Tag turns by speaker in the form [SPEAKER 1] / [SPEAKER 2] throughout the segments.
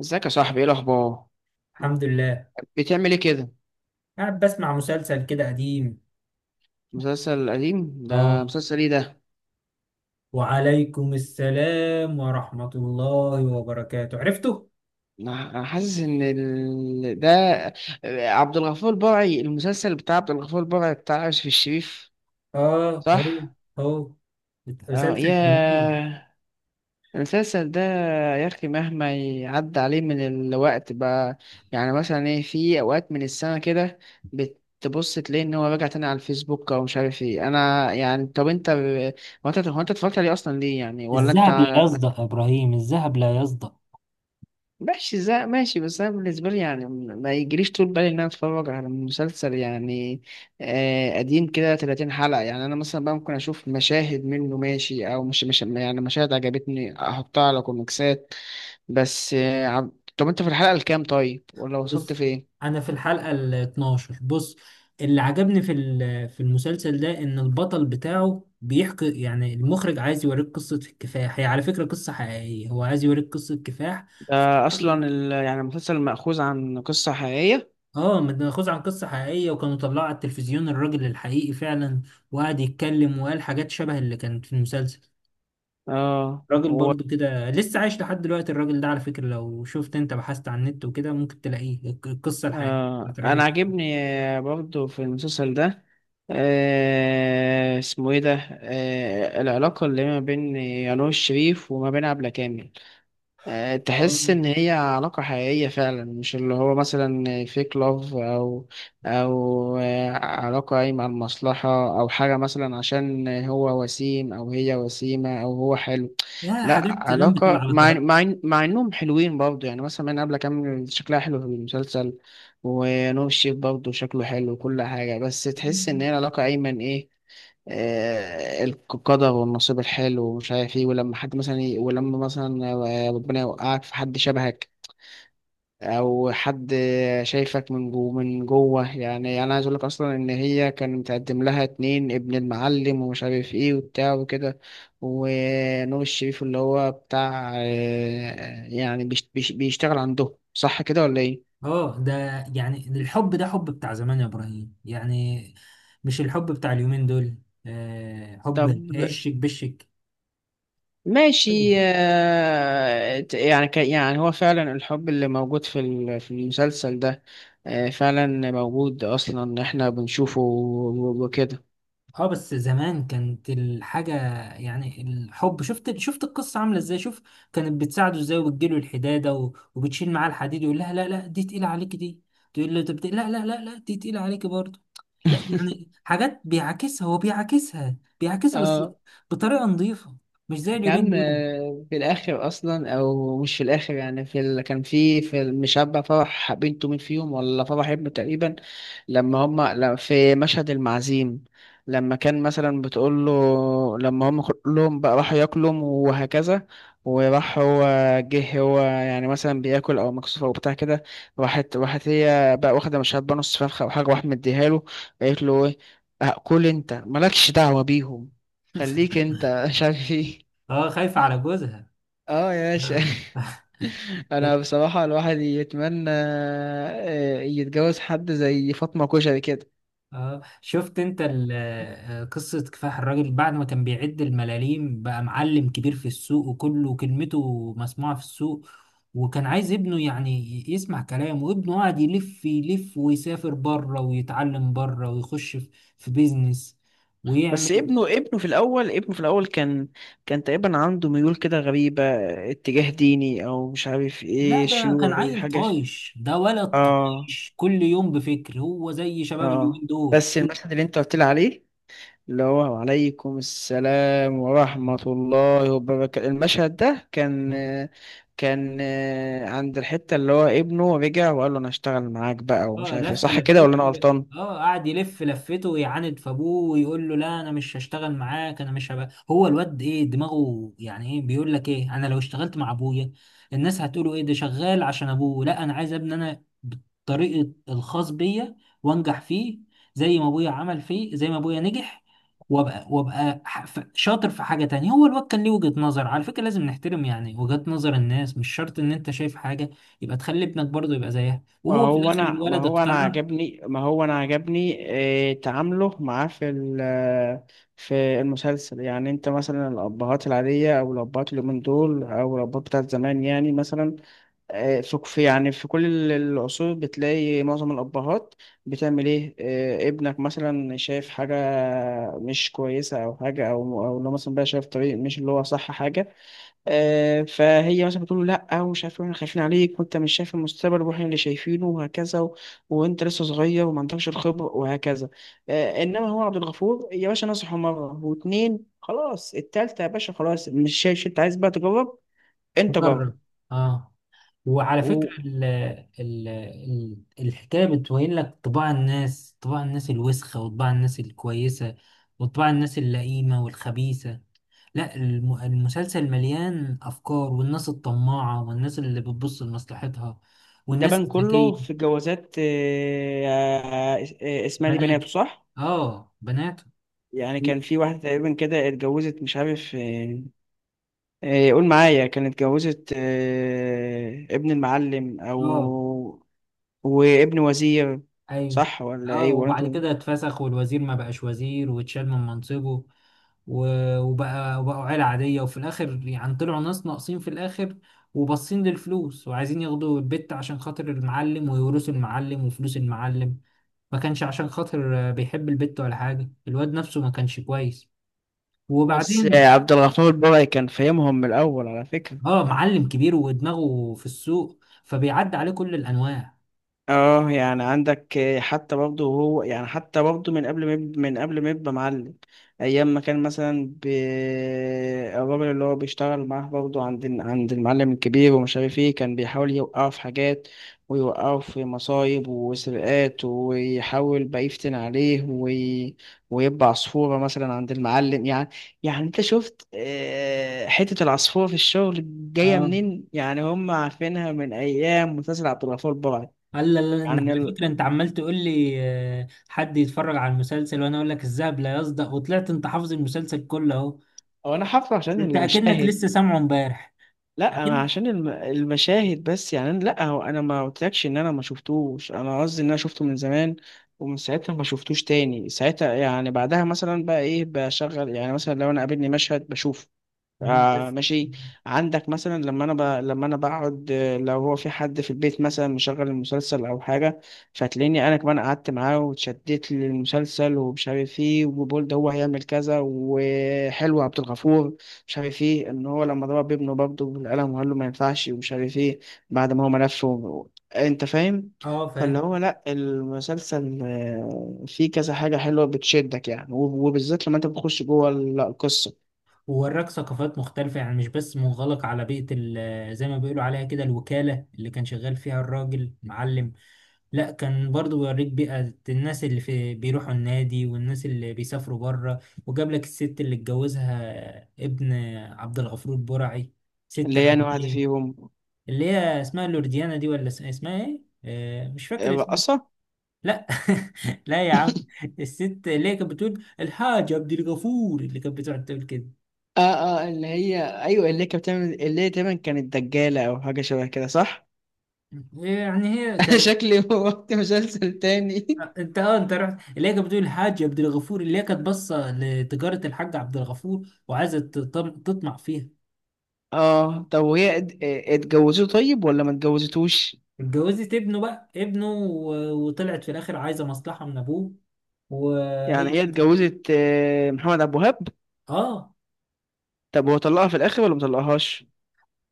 [SPEAKER 1] ازيك يا صاحبي؟ ايه الاخبار؟
[SPEAKER 2] الحمد لله.
[SPEAKER 1] بتعمل ايه كده؟
[SPEAKER 2] قاعد بسمع مسلسل كده قديم.
[SPEAKER 1] مسلسل قديم؟ ده
[SPEAKER 2] اه.
[SPEAKER 1] مسلسل ايه ده؟
[SPEAKER 2] وعليكم السلام ورحمة الله وبركاته. عرفته؟
[SPEAKER 1] أنا حاسس ان ال... ده عبد الغفور البرعي، المسلسل بتاع عبد الغفور البرعي بتاع يوسف الشريف،
[SPEAKER 2] اه، هو
[SPEAKER 1] صح؟
[SPEAKER 2] هو.
[SPEAKER 1] اه
[SPEAKER 2] مسلسل جميل.
[SPEAKER 1] يا... المسلسل ده، يا اخي مهما يعدي عليه من الوقت بقى، يعني مثلا ايه، في اوقات من السنه كده بتبص تلاقي ان هو راجع تاني على الفيسبوك او مش عارف ايه. انا يعني، طب انت، هو انت اتفرجت عليه اصلا ليه يعني، ولا انت...
[SPEAKER 2] الذهب لا يصدأ يا ابراهيم، الذهب لا يصدأ.
[SPEAKER 1] ماشي، زي ماشي. بس انا بالنسبه لي يعني ما يجريش طول بالي ان انا اتفرج على مسلسل يعني قديم كده 30 حلقه. يعني انا مثلا بقى ممكن اشوف مشاهد منه ماشي، او مش يعني مشاهد عجبتني احطها على كوميكسات بس. طب انت في الحلقه الكام طيب، ولا وصلت
[SPEAKER 2] بص،
[SPEAKER 1] فين؟
[SPEAKER 2] انا في الحلقة ال 12. بص، اللي عجبني في المسلسل ده ان البطل بتاعه بيحكي، يعني المخرج عايز يوريك قصة الكفاح. هي على فكرة قصة حقيقية، هو عايز يوريك قصة كفاح.
[SPEAKER 1] ده اصلا ال... يعني المسلسل مأخوذ عن قصه حقيقيه؟
[SPEAKER 2] اه، متاخوذ عن قصه حقيقيه، وكانوا طلعوا على التلفزيون الراجل الحقيقي فعلا. وقعد يتكلم وقال حاجات شبه اللي كانت في المسلسل.
[SPEAKER 1] اه.
[SPEAKER 2] راجل برضو كده لسه عايش لحد دلوقتي الراجل ده، على فكره لو شفت انت بحثت عن النت وكده ممكن تلاقيه القصه الحقيقيه بتاعت
[SPEAKER 1] انا
[SPEAKER 2] الراجل.
[SPEAKER 1] عاجبني، برضو في المسلسل ده، اسمه ايه ده، العلاقة اللي ما بين يانوش شريف وما بين عبلة كامل.
[SPEAKER 2] اه.
[SPEAKER 1] تحس ان هي علاقة حقيقية فعلا، مش اللي هو مثلا فيك لاف، او او علاقة قايمة على المصلحة، او حاجة مثلا عشان هو وسيم او هي وسيمة او هو حلو.
[SPEAKER 2] لا،
[SPEAKER 1] لا،
[SPEAKER 2] حاجات زمان بتبقى
[SPEAKER 1] علاقة،
[SPEAKER 2] على
[SPEAKER 1] مع
[SPEAKER 2] طبيعتها.
[SPEAKER 1] مع مع انهم حلوين برضه يعني، مثلا من قبل كامل شكلها حلو في المسلسل، ونور الشريف برضه شكله حلو وكل حاجة، بس تحس ان هي علاقة ايمن ايه، القدر والنصيب الحلو ومش عارف ايه. ولما حد مثلا ولما مثلا، ربنا يوقعك في حد شبهك، او حد شايفك من جوه. يعني انا عايز اقول لك اصلا ان هي كان متقدم لها اتنين، ابن المعلم ومش عارف ايه وبتاع وكده، ونور الشريف اللي هو بتاع، يعني بيشتغل عندهم، صح كده ولا ايه؟
[SPEAKER 2] اه ده. يعني الحب ده حب بتاع زمان يا ابراهيم، يعني مش الحب بتاع اليومين دول. آه،
[SPEAKER 1] طب
[SPEAKER 2] حب هشك بشك.
[SPEAKER 1] ماشي، يعني يعني هو فعلا الحب اللي موجود في المسلسل ده، فعلا موجود اصلا، احنا بنشوفه وكده.
[SPEAKER 2] اه، بس زمان كانت الحاجة يعني الحب، شفت القصة عاملة ازاي، شوف كانت بتساعده ازاي، وبتجيله الحدادة وبتشيل معاه الحديد، يقول لها لا لا دي تقيلة عليك دي، تقول له طب لا لا لا لا دي تقيلة عليك برضه. لا يعني حاجات بيعاكسها، هو بيعاكسها بيعاكسها بس
[SPEAKER 1] اه
[SPEAKER 2] بطريقة نظيفة، مش زي
[SPEAKER 1] يا
[SPEAKER 2] اليومين
[SPEAKER 1] عم،
[SPEAKER 2] دول.
[SPEAKER 1] في الاخر اصلا، او مش في الاخر يعني في ال... كان في المشبع فرح بنته مين فيهم، ولا فرح ابنه تقريبا، لما هما... لا، في مشهد المعزيم، لما كان مثلا بتقول له، لما هم كلهم بقى راحوا ياكلوا وهكذا، وراح هو، جه هو يعني مثلا بياكل او مكسوف او بتاع كده، راحت هي بقى واخده مشبع نص فرخه او حاجه واحد مديها له، قالت له ايه، كل انت، مالكش دعوه بيهم، خليك انت، مش عارف ايه.
[SPEAKER 2] اه، خايفة على جوزها.
[SPEAKER 1] اه يا باشا.
[SPEAKER 2] آه.
[SPEAKER 1] انا بصراحة الواحد يتمنى يتجوز حد زي فاطمة كشري كده.
[SPEAKER 2] اه، شفت انت قصة كفاح الراجل بعد ما كان بيعد الملاليم بقى معلم كبير في السوق وكله كلمته مسموعة في السوق. وكان عايز ابنه يعني يسمع كلامه، وابنه قاعد يلف يلف ويسافر بره ويتعلم بره ويخش في في بيزنس
[SPEAKER 1] بس
[SPEAKER 2] ويعمل.
[SPEAKER 1] ابنه في الاول، ابنه في الاول كان، كان تقريبا عنده ميول كده غريبة، اتجاه ديني او مش عارف
[SPEAKER 2] لا،
[SPEAKER 1] ايه
[SPEAKER 2] ده كان
[SPEAKER 1] شيوعي
[SPEAKER 2] عيل
[SPEAKER 1] حاجة
[SPEAKER 2] طايش، ده ولد
[SPEAKER 1] اه.
[SPEAKER 2] طايش، كل يوم بفكر، هو زي شباب
[SPEAKER 1] اه،
[SPEAKER 2] اليومين
[SPEAKER 1] بس المشهد اللي انت قلت لي عليه، اللي هو عليكم السلام ورحمة الله وبركاته، المشهد ده كان،
[SPEAKER 2] دول.
[SPEAKER 1] كان عند الحتة اللي هو ابنه رجع وقال له أنا هشتغل معاك بقى ومش
[SPEAKER 2] اه،
[SPEAKER 1] عارف ايه، صح كده ولا أنا غلطان؟
[SPEAKER 2] قعد يلف لفته ويعاند في ابوه ويقول له لا انا مش هشتغل معاك، انا مش هبقى، هو الواد ايه دماغه، يعني ايه بيقول لك ايه، انا لو اشتغلت مع ابويا الناس هتقولوا ايه، ده شغال عشان ابوه، لا انا عايز ابني انا بالطريقه الخاص بيا، وانجح فيه زي ما ابويا عمل فيه، زي ما ابويا نجح، وابقى وابقى شاطر في حاجه تانية. هو الواد كان ليه وجهه نظر، على فكره لازم نحترم يعني وجهات نظر الناس، مش شرط ان انت شايف حاجه يبقى تخلي ابنك برضه يبقى زيها.
[SPEAKER 1] ما
[SPEAKER 2] وهو في
[SPEAKER 1] هو
[SPEAKER 2] الاخر
[SPEAKER 1] أنا ما
[SPEAKER 2] الولد
[SPEAKER 1] هو أنا
[SPEAKER 2] اقتنع
[SPEAKER 1] عجبني ما هو أنا عجبني، تعامله معاه في المسلسل. يعني أنت مثلا الأبهات العادية أو الأبهات اليومين دول أو الأبهات بتاعت زمان، يعني مثلا، يعني في كل العصور بتلاقي معظم الأبهات بتعمل إيه، ابنك مثلا شايف حاجة مش كويسة أو حاجة، أو أو لو مثلا بقى شايف طريق مش اللي هو صح حاجة، فهي مثلا بتقول له لأ ومش عارف إيه، إحنا خايفين عليك وأنت مش شايف المستقبل وإحنا اللي شايفينه وهكذا و... وأنت لسه صغير وما عندكش الخبرة وهكذا. إنما هو عبد الغفور يا باشا نصحه مرة واتنين، خلاص التالتة يا باشا، خلاص مش شايف، أنت عايز بقى تجرب، أنت جرب.
[SPEAKER 2] وجرب. اه، وعلى فكره ال ال ال الحكايه بتبين لك طباع الناس، طباع الناس الوسخه، وطباع الناس الكويسه، وطباع الناس اللئيمه والخبيثه. لا، المسلسل مليان افكار، والناس الطماعه، والناس اللي بتبص لمصلحتها،
[SPEAKER 1] ده
[SPEAKER 2] والناس
[SPEAKER 1] بان كله
[SPEAKER 2] الذكيه.
[SPEAKER 1] في الجوازات. اسمها دي
[SPEAKER 2] بناته،
[SPEAKER 1] بناته صح؟
[SPEAKER 2] اه بناته.
[SPEAKER 1] يعني كان في واحدة تقريبا كده اتجوزت، مش عارف، قول معايا، كانت اتجوزت ابن المعلم أو
[SPEAKER 2] اه،
[SPEAKER 1] وابن وزير،
[SPEAKER 2] ايوه.
[SPEAKER 1] صح ولا
[SPEAKER 2] اه،
[SPEAKER 1] ايه ولا انت...
[SPEAKER 2] وبعد كده اتفسخ، والوزير ما بقاش وزير واتشال من منصبه، وبقوا عيلة عادية، وفي الآخر يعني طلعوا ناس ناقصين في الآخر، وباصين للفلوس وعايزين ياخدوا البت عشان خاطر المعلم، ويورثوا المعلم وفلوس المعلم، ما كانش عشان خاطر آه، بيحب البت ولا حاجة، الواد نفسه ما كانش كويس.
[SPEAKER 1] بس
[SPEAKER 2] وبعدين
[SPEAKER 1] عبد الغفور البرعي كان فاهمهم من الأول على فكرة.
[SPEAKER 2] اه معلم كبير ودماغه في السوق فبيعدي عليه كل الأنواع.
[SPEAKER 1] اه يعني عندك حتى برضه هو يعني، حتى برضه من قبل ما من قبل ما يبقى معلم، ايام ما كان مثلا ب... الراجل اللي هو بيشتغل معاه برضه عند المعلم الكبير ومش عارف ايه، كان بيحاول يوقعه في حاجات ويوقعه في مصايب وسرقات، ويحاول بقى يفتن عليه وي... ويبقى عصفورة مثلا عند المعلم يعني. يعني انت شفت حتة العصفورة في الشغل جاية
[SPEAKER 2] اه،
[SPEAKER 1] منين، يعني هم عارفينها من ايام مسلسل عبد الغفور البرعي.
[SPEAKER 2] قال لا لا لا، إن
[SPEAKER 1] عن
[SPEAKER 2] على
[SPEAKER 1] ال...
[SPEAKER 2] فكرة انت عمال تقول لي آه، حد يتفرج على المسلسل وانا اقول لك الذهب لا يصدأ، وطلعت انت حافظ المسلسل كله اهو.
[SPEAKER 1] او انا حفله عشان
[SPEAKER 2] انت اكنك
[SPEAKER 1] المشاهد،
[SPEAKER 2] لسه سامعه امبارح.
[SPEAKER 1] لا ما
[SPEAKER 2] اكن.
[SPEAKER 1] عشان الم... المشاهد بس. يعني أنا... لا هو انا ما قلتلكش ان انا ما شفتوش، انا قصدي ان انا شفته من زمان ومن ساعتها ما شفتوش تاني. ساعتها يعني بعدها مثلا بقى ايه بشغل، يعني مثلا لو انا قابلني مشهد بشوفه.
[SPEAKER 2] مم،
[SPEAKER 1] آه
[SPEAKER 2] بس.
[SPEAKER 1] ماشي. عندك مثلا لما انا ب... لما انا بقعد، لو هو في حد في البيت مثلا مشغل المسلسل او حاجه، فتلاقيني انا كمان قعدت معاه واتشدت للمسلسل ومش عارف ايه، وبقول ده هو هيعمل كذا وحلو عبد الغفور، مش عارف ايه، ان هو لما ضرب ابنه برضه بالقلم وقال له ما ينفعش ومش عارف ايه، بعد ما هو ملف و... انت فاهم.
[SPEAKER 2] اه،
[SPEAKER 1] فاللي
[SPEAKER 2] فاهم.
[SPEAKER 1] هو لا المسلسل فيه كذا حاجه حلوه بتشدك يعني، وبالذات لما انت بتخش جوه القصه.
[SPEAKER 2] ووراك ثقافات مختلفة، يعني مش بس منغلق على بيئة زي ما بيقولوا عليها كده الوكالة اللي كان شغال فيها الراجل معلم. لا، كان برضو بيوريك بيئة الناس اللي في بيروحوا النادي، والناس اللي بيسافروا بره. وجاب لك الست اللي اتجوزها ابن عبد الغفور برعي، ست
[SPEAKER 1] اللي هي أنا واحدة
[SPEAKER 2] أمريكية.
[SPEAKER 1] فيهم.
[SPEAKER 2] اللي هي اسمها لورديانا دي، ولا اسمها ايه؟ آه، مش فاكر اسمها.
[SPEAKER 1] رقصة.
[SPEAKER 2] لا. لا يا عم. الست اللي هي كانت بتقول الحاجة عبد الغفور، اللي كانت بتقعد تقول كده.
[SPEAKER 1] اه اه، اللي هي ايوه، اللي هي كانت بتعمل، اللي هي تقريبا كانت دجالة او حاجة شبه كده صح؟
[SPEAKER 2] يعني هي
[SPEAKER 1] انا
[SPEAKER 2] كان.
[SPEAKER 1] شكلي وقت مسلسل تاني.
[SPEAKER 2] انت اه انت رحت، اللي هي كانت بتقول الحاج عبد الغفور، اللي هي كانت باصه لتجاره الحاج عبد الغفور وعايزه تطمع فيها.
[SPEAKER 1] اه طب وهي اتجوزته طيب ولا ما اتجوزتوش؟
[SPEAKER 2] اتجوزت ابنه بقى، ابنه وطلعت في الاخر عايزه مصلحه من ابوه.
[SPEAKER 1] يعني
[SPEAKER 2] وهي
[SPEAKER 1] هي اتجوزت محمد عبد الوهاب.
[SPEAKER 2] اه
[SPEAKER 1] طب هو طلقها في الاخر ولا ما طلقهاش؟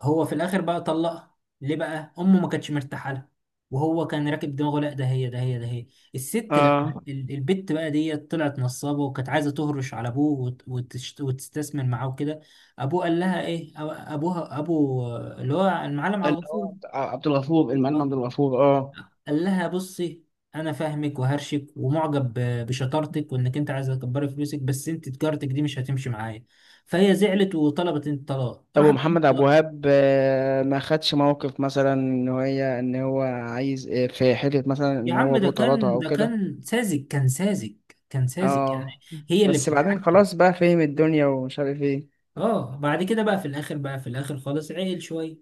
[SPEAKER 2] هو في الاخر بقى طلقها. ليه بقى؟ امه ما كانتش مرتاحه لها، وهو كان راكب دماغه، لا ده هي ده هي ده هي. الست لما
[SPEAKER 1] اه،
[SPEAKER 2] البت بقى ديت طلعت نصابه، وكانت عايزه تهرش على ابوه وتستثمر معاه وكده. ابوه قال لها ايه، ابوها، ابو اللي هو المعلم عبد
[SPEAKER 1] اللي هو
[SPEAKER 2] الغفور.
[SPEAKER 1] عبد عبد الغفور، المعلم عبد الغفور، اه.
[SPEAKER 2] قال لها بصي، انا فاهمك وهرشك ومعجب بشطارتك، وانك انت عايزه تكبري فلوسك، بس انت تجارتك دي مش هتمشي معايا. فهي زعلت وطلبت الطلاق، راح
[SPEAKER 1] ابو
[SPEAKER 2] كان
[SPEAKER 1] محمد عبد
[SPEAKER 2] طلاق.
[SPEAKER 1] الوهاب، ما خدش موقف، مثلا ان هي ان هو عايز، في حته مثلا
[SPEAKER 2] يا
[SPEAKER 1] ان
[SPEAKER 2] عم
[SPEAKER 1] هو ابوه طردها او
[SPEAKER 2] ده
[SPEAKER 1] كده.
[SPEAKER 2] كان ساذج، كان ساذج، كان ساذج يعني،
[SPEAKER 1] اه
[SPEAKER 2] هي اللي
[SPEAKER 1] بس بعدين
[SPEAKER 2] بتتحكم.
[SPEAKER 1] خلاص بقى فهم الدنيا ومش عارف ايه.
[SPEAKER 2] اه، بعد كده بقى في الاخر، خالص عيل شويه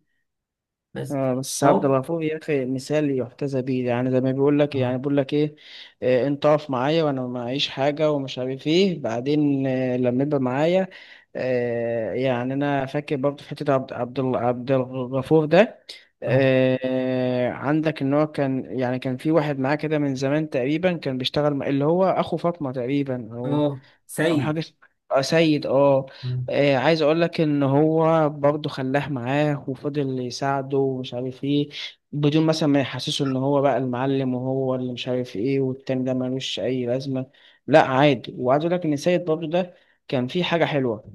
[SPEAKER 2] بس.
[SPEAKER 1] آه بس عبد
[SPEAKER 2] اهو.
[SPEAKER 1] الغفور يا اخي مثال يحتذى بيه، يعني زي ما بيقول لك،
[SPEAKER 2] اه.
[SPEAKER 1] يعني بيقول لك ايه، آه انت اقف معايا وانا معيش حاجه ومش عارف ايه، بعدين آه لما يبقى معايا. آه يعني انا فاكر برضه في حته عبد الغفور ده،
[SPEAKER 2] اه.
[SPEAKER 1] آه عندك ان هو كان يعني، كان في واحد معاه كده من زمان تقريبا كان بيشتغل اللي هو اخو فاطمه تقريبا، او
[SPEAKER 2] اه،
[SPEAKER 1] او حاجه
[SPEAKER 2] سيد.
[SPEAKER 1] آه، سيد، اه.
[SPEAKER 2] مم.
[SPEAKER 1] عايز اقول لك ان هو برضه خلاه معاه وفضل يساعده ومش عارف ايه، بدون مثلا ما يحسسه ان هو بقى المعلم وهو اللي مش عارف ايه والتاني ده ملوش اي لازمه، لا عادي. وعايز اقول لك ان سيد برضه ده كان فيه حاجه حلوه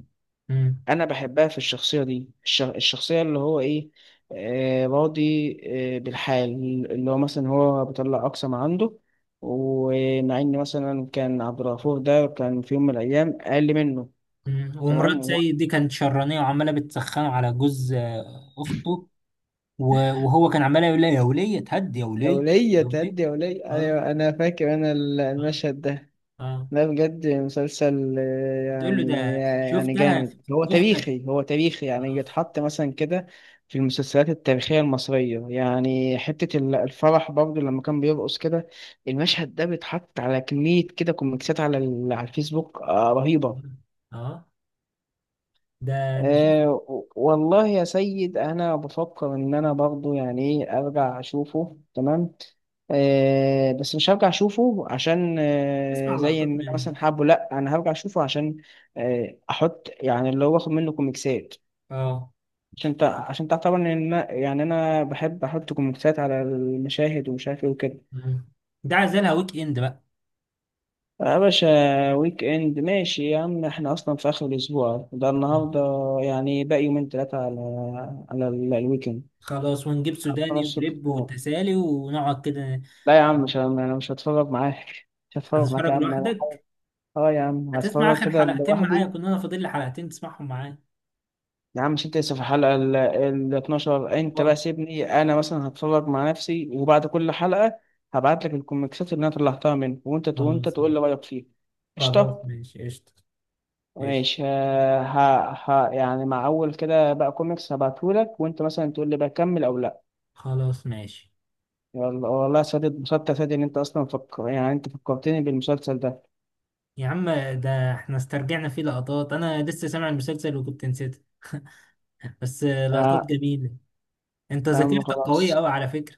[SPEAKER 2] مم.
[SPEAKER 1] انا بحبها في الشخصيه دي، الشخصيه اللي هو ايه، آه راضي، آه بالحال، اللي هو مثلا هو بيطلع اقصى ما عنده، ومع ان مثلا كان عبد الغفور ده كان في يوم من الايام اقل منه.
[SPEAKER 2] مم.
[SPEAKER 1] تمام.
[SPEAKER 2] ومرات
[SPEAKER 1] وهو
[SPEAKER 2] سيد دي كانت شرانية، وعمالة بتسخنه على جوز آه، أخته. وهو كان عمال يقول لي يا وليه اتهد يا
[SPEAKER 1] يا
[SPEAKER 2] وليه،
[SPEAKER 1] ولية
[SPEAKER 2] يا وليه.
[SPEAKER 1] تهدي يا ولية،
[SPEAKER 2] اه.
[SPEAKER 1] أيوة أنا فاكر أنا
[SPEAKER 2] اه.
[SPEAKER 1] المشهد ده.
[SPEAKER 2] اه.
[SPEAKER 1] ده بجد مسلسل
[SPEAKER 2] بتقول له
[SPEAKER 1] يعني،
[SPEAKER 2] ده
[SPEAKER 1] يعني
[SPEAKER 2] شفتها في
[SPEAKER 1] جامد. هو
[SPEAKER 2] اختك.
[SPEAKER 1] تاريخي هو تاريخي يعني
[SPEAKER 2] اه.
[SPEAKER 1] يتحط مثلا كده في المسلسلات التاريخية المصرية. يعني الفرح برضه لما كان بيرقص كده، المشهد ده بيتحط على كمية كده كوميكسات على الفيسبوك رهيبة.
[SPEAKER 2] اه. ده انا شفت.
[SPEAKER 1] أه والله يا سيد، انا بفكر ان انا برضو يعني ايه ارجع اشوفه، تمام أه، بس مش هرجع اشوفه عشان أه
[SPEAKER 2] اسمع
[SPEAKER 1] زي
[SPEAKER 2] لقطات
[SPEAKER 1] ان انا
[SPEAKER 2] منه.
[SPEAKER 1] مثلا حابه، لا انا هرجع اشوفه عشان أه احط يعني اللي هو باخد منه كوميكسات.
[SPEAKER 2] اه.
[SPEAKER 1] عشان عشان تعرف طبعا ان يعني انا بحب احط كوميكسات على المشاهد ومش عارف ايه وكده.
[SPEAKER 2] مم. ده عزلها ويك اند بقى.
[SPEAKER 1] آه، يا باشا. ويك اند، ماشي يا عم، احنا اصلا في اخر الاسبوع ده
[SPEAKER 2] مم.
[SPEAKER 1] النهارده، يعني باقي يومين ثلاثه على الويكند.
[SPEAKER 2] خلاص، ونجيب سوداني
[SPEAKER 1] خمس ست
[SPEAKER 2] ولب
[SPEAKER 1] شهور.
[SPEAKER 2] وتسالي ونقعد كده.
[SPEAKER 1] لا يا عم، مش انا مش هتفرج معاك. مش هتفرج معاك يا
[SPEAKER 2] هتتفرج
[SPEAKER 1] عم، انا حاول.
[SPEAKER 2] لوحدك.
[SPEAKER 1] اه يا عم،
[SPEAKER 2] هتسمع
[SPEAKER 1] هتفرج
[SPEAKER 2] اخر
[SPEAKER 1] كده
[SPEAKER 2] حلقتين معايا،
[SPEAKER 1] لوحدي.
[SPEAKER 2] كنا انا فاضل لي حلقتين تسمعهم معايا.
[SPEAKER 1] يا عم مش انت لسه في الحلقة ال 12؟ انت
[SPEAKER 2] اه.
[SPEAKER 1] بقى سيبني انا مثلا هتفرج مع نفسي، وبعد كل حلقة هبعت لك الكوميكسات اللي انا طلعتها منه، وانت وانت
[SPEAKER 2] خلاص
[SPEAKER 1] تقول لي
[SPEAKER 2] ماشي.
[SPEAKER 1] رأيك فيها.
[SPEAKER 2] خلاص
[SPEAKER 1] قشطة.
[SPEAKER 2] ماشي قشطة. قشطة.
[SPEAKER 1] ماشي، آه، ها ها يعني مع اول كده بقى كوميكس هبعتهولك، وانت مثلا تقول لي بقى كمل او لا.
[SPEAKER 2] خلاص ماشي
[SPEAKER 1] يلا والله يا سادة، اتبسطت يا سادة، ان انت اصلا فكر، يعني انت فكرتني بالمسلسل ده.
[SPEAKER 2] يا عم. ده احنا استرجعنا فيه لقطات، انا لسه سامع المسلسل وكنت نسيتها. بس آه، لقطات
[SPEAKER 1] آه،
[SPEAKER 2] جميلة. انت
[SPEAKER 1] يا عم
[SPEAKER 2] ذاكرتك قوية
[SPEAKER 1] خلاص.
[SPEAKER 2] قوي على فكرة.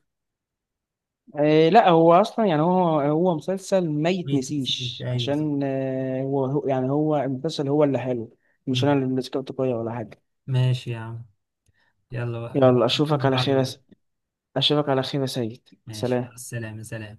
[SPEAKER 1] إيه، لا هو اصلا يعني، هو هو مسلسل ما
[SPEAKER 2] ما يتنسيش،
[SPEAKER 1] يتنسيش
[SPEAKER 2] ايوه صح.
[SPEAKER 1] عشان آه، يعني هو المسلسل هو اللي حلو، مش انا
[SPEAKER 2] مم.
[SPEAKER 1] اللي ذكرته كويس ولا حاجه.
[SPEAKER 2] ماشي يا عم. يلا بقى،
[SPEAKER 1] يلا
[SPEAKER 2] نشوف
[SPEAKER 1] اشوفك على
[SPEAKER 2] بعض
[SPEAKER 1] خير يا
[SPEAKER 2] بقى.
[SPEAKER 1] اشوفك على خير يا سيد،
[SPEAKER 2] ماشي، مع
[SPEAKER 1] سلام.
[SPEAKER 2] السلامة، سلام.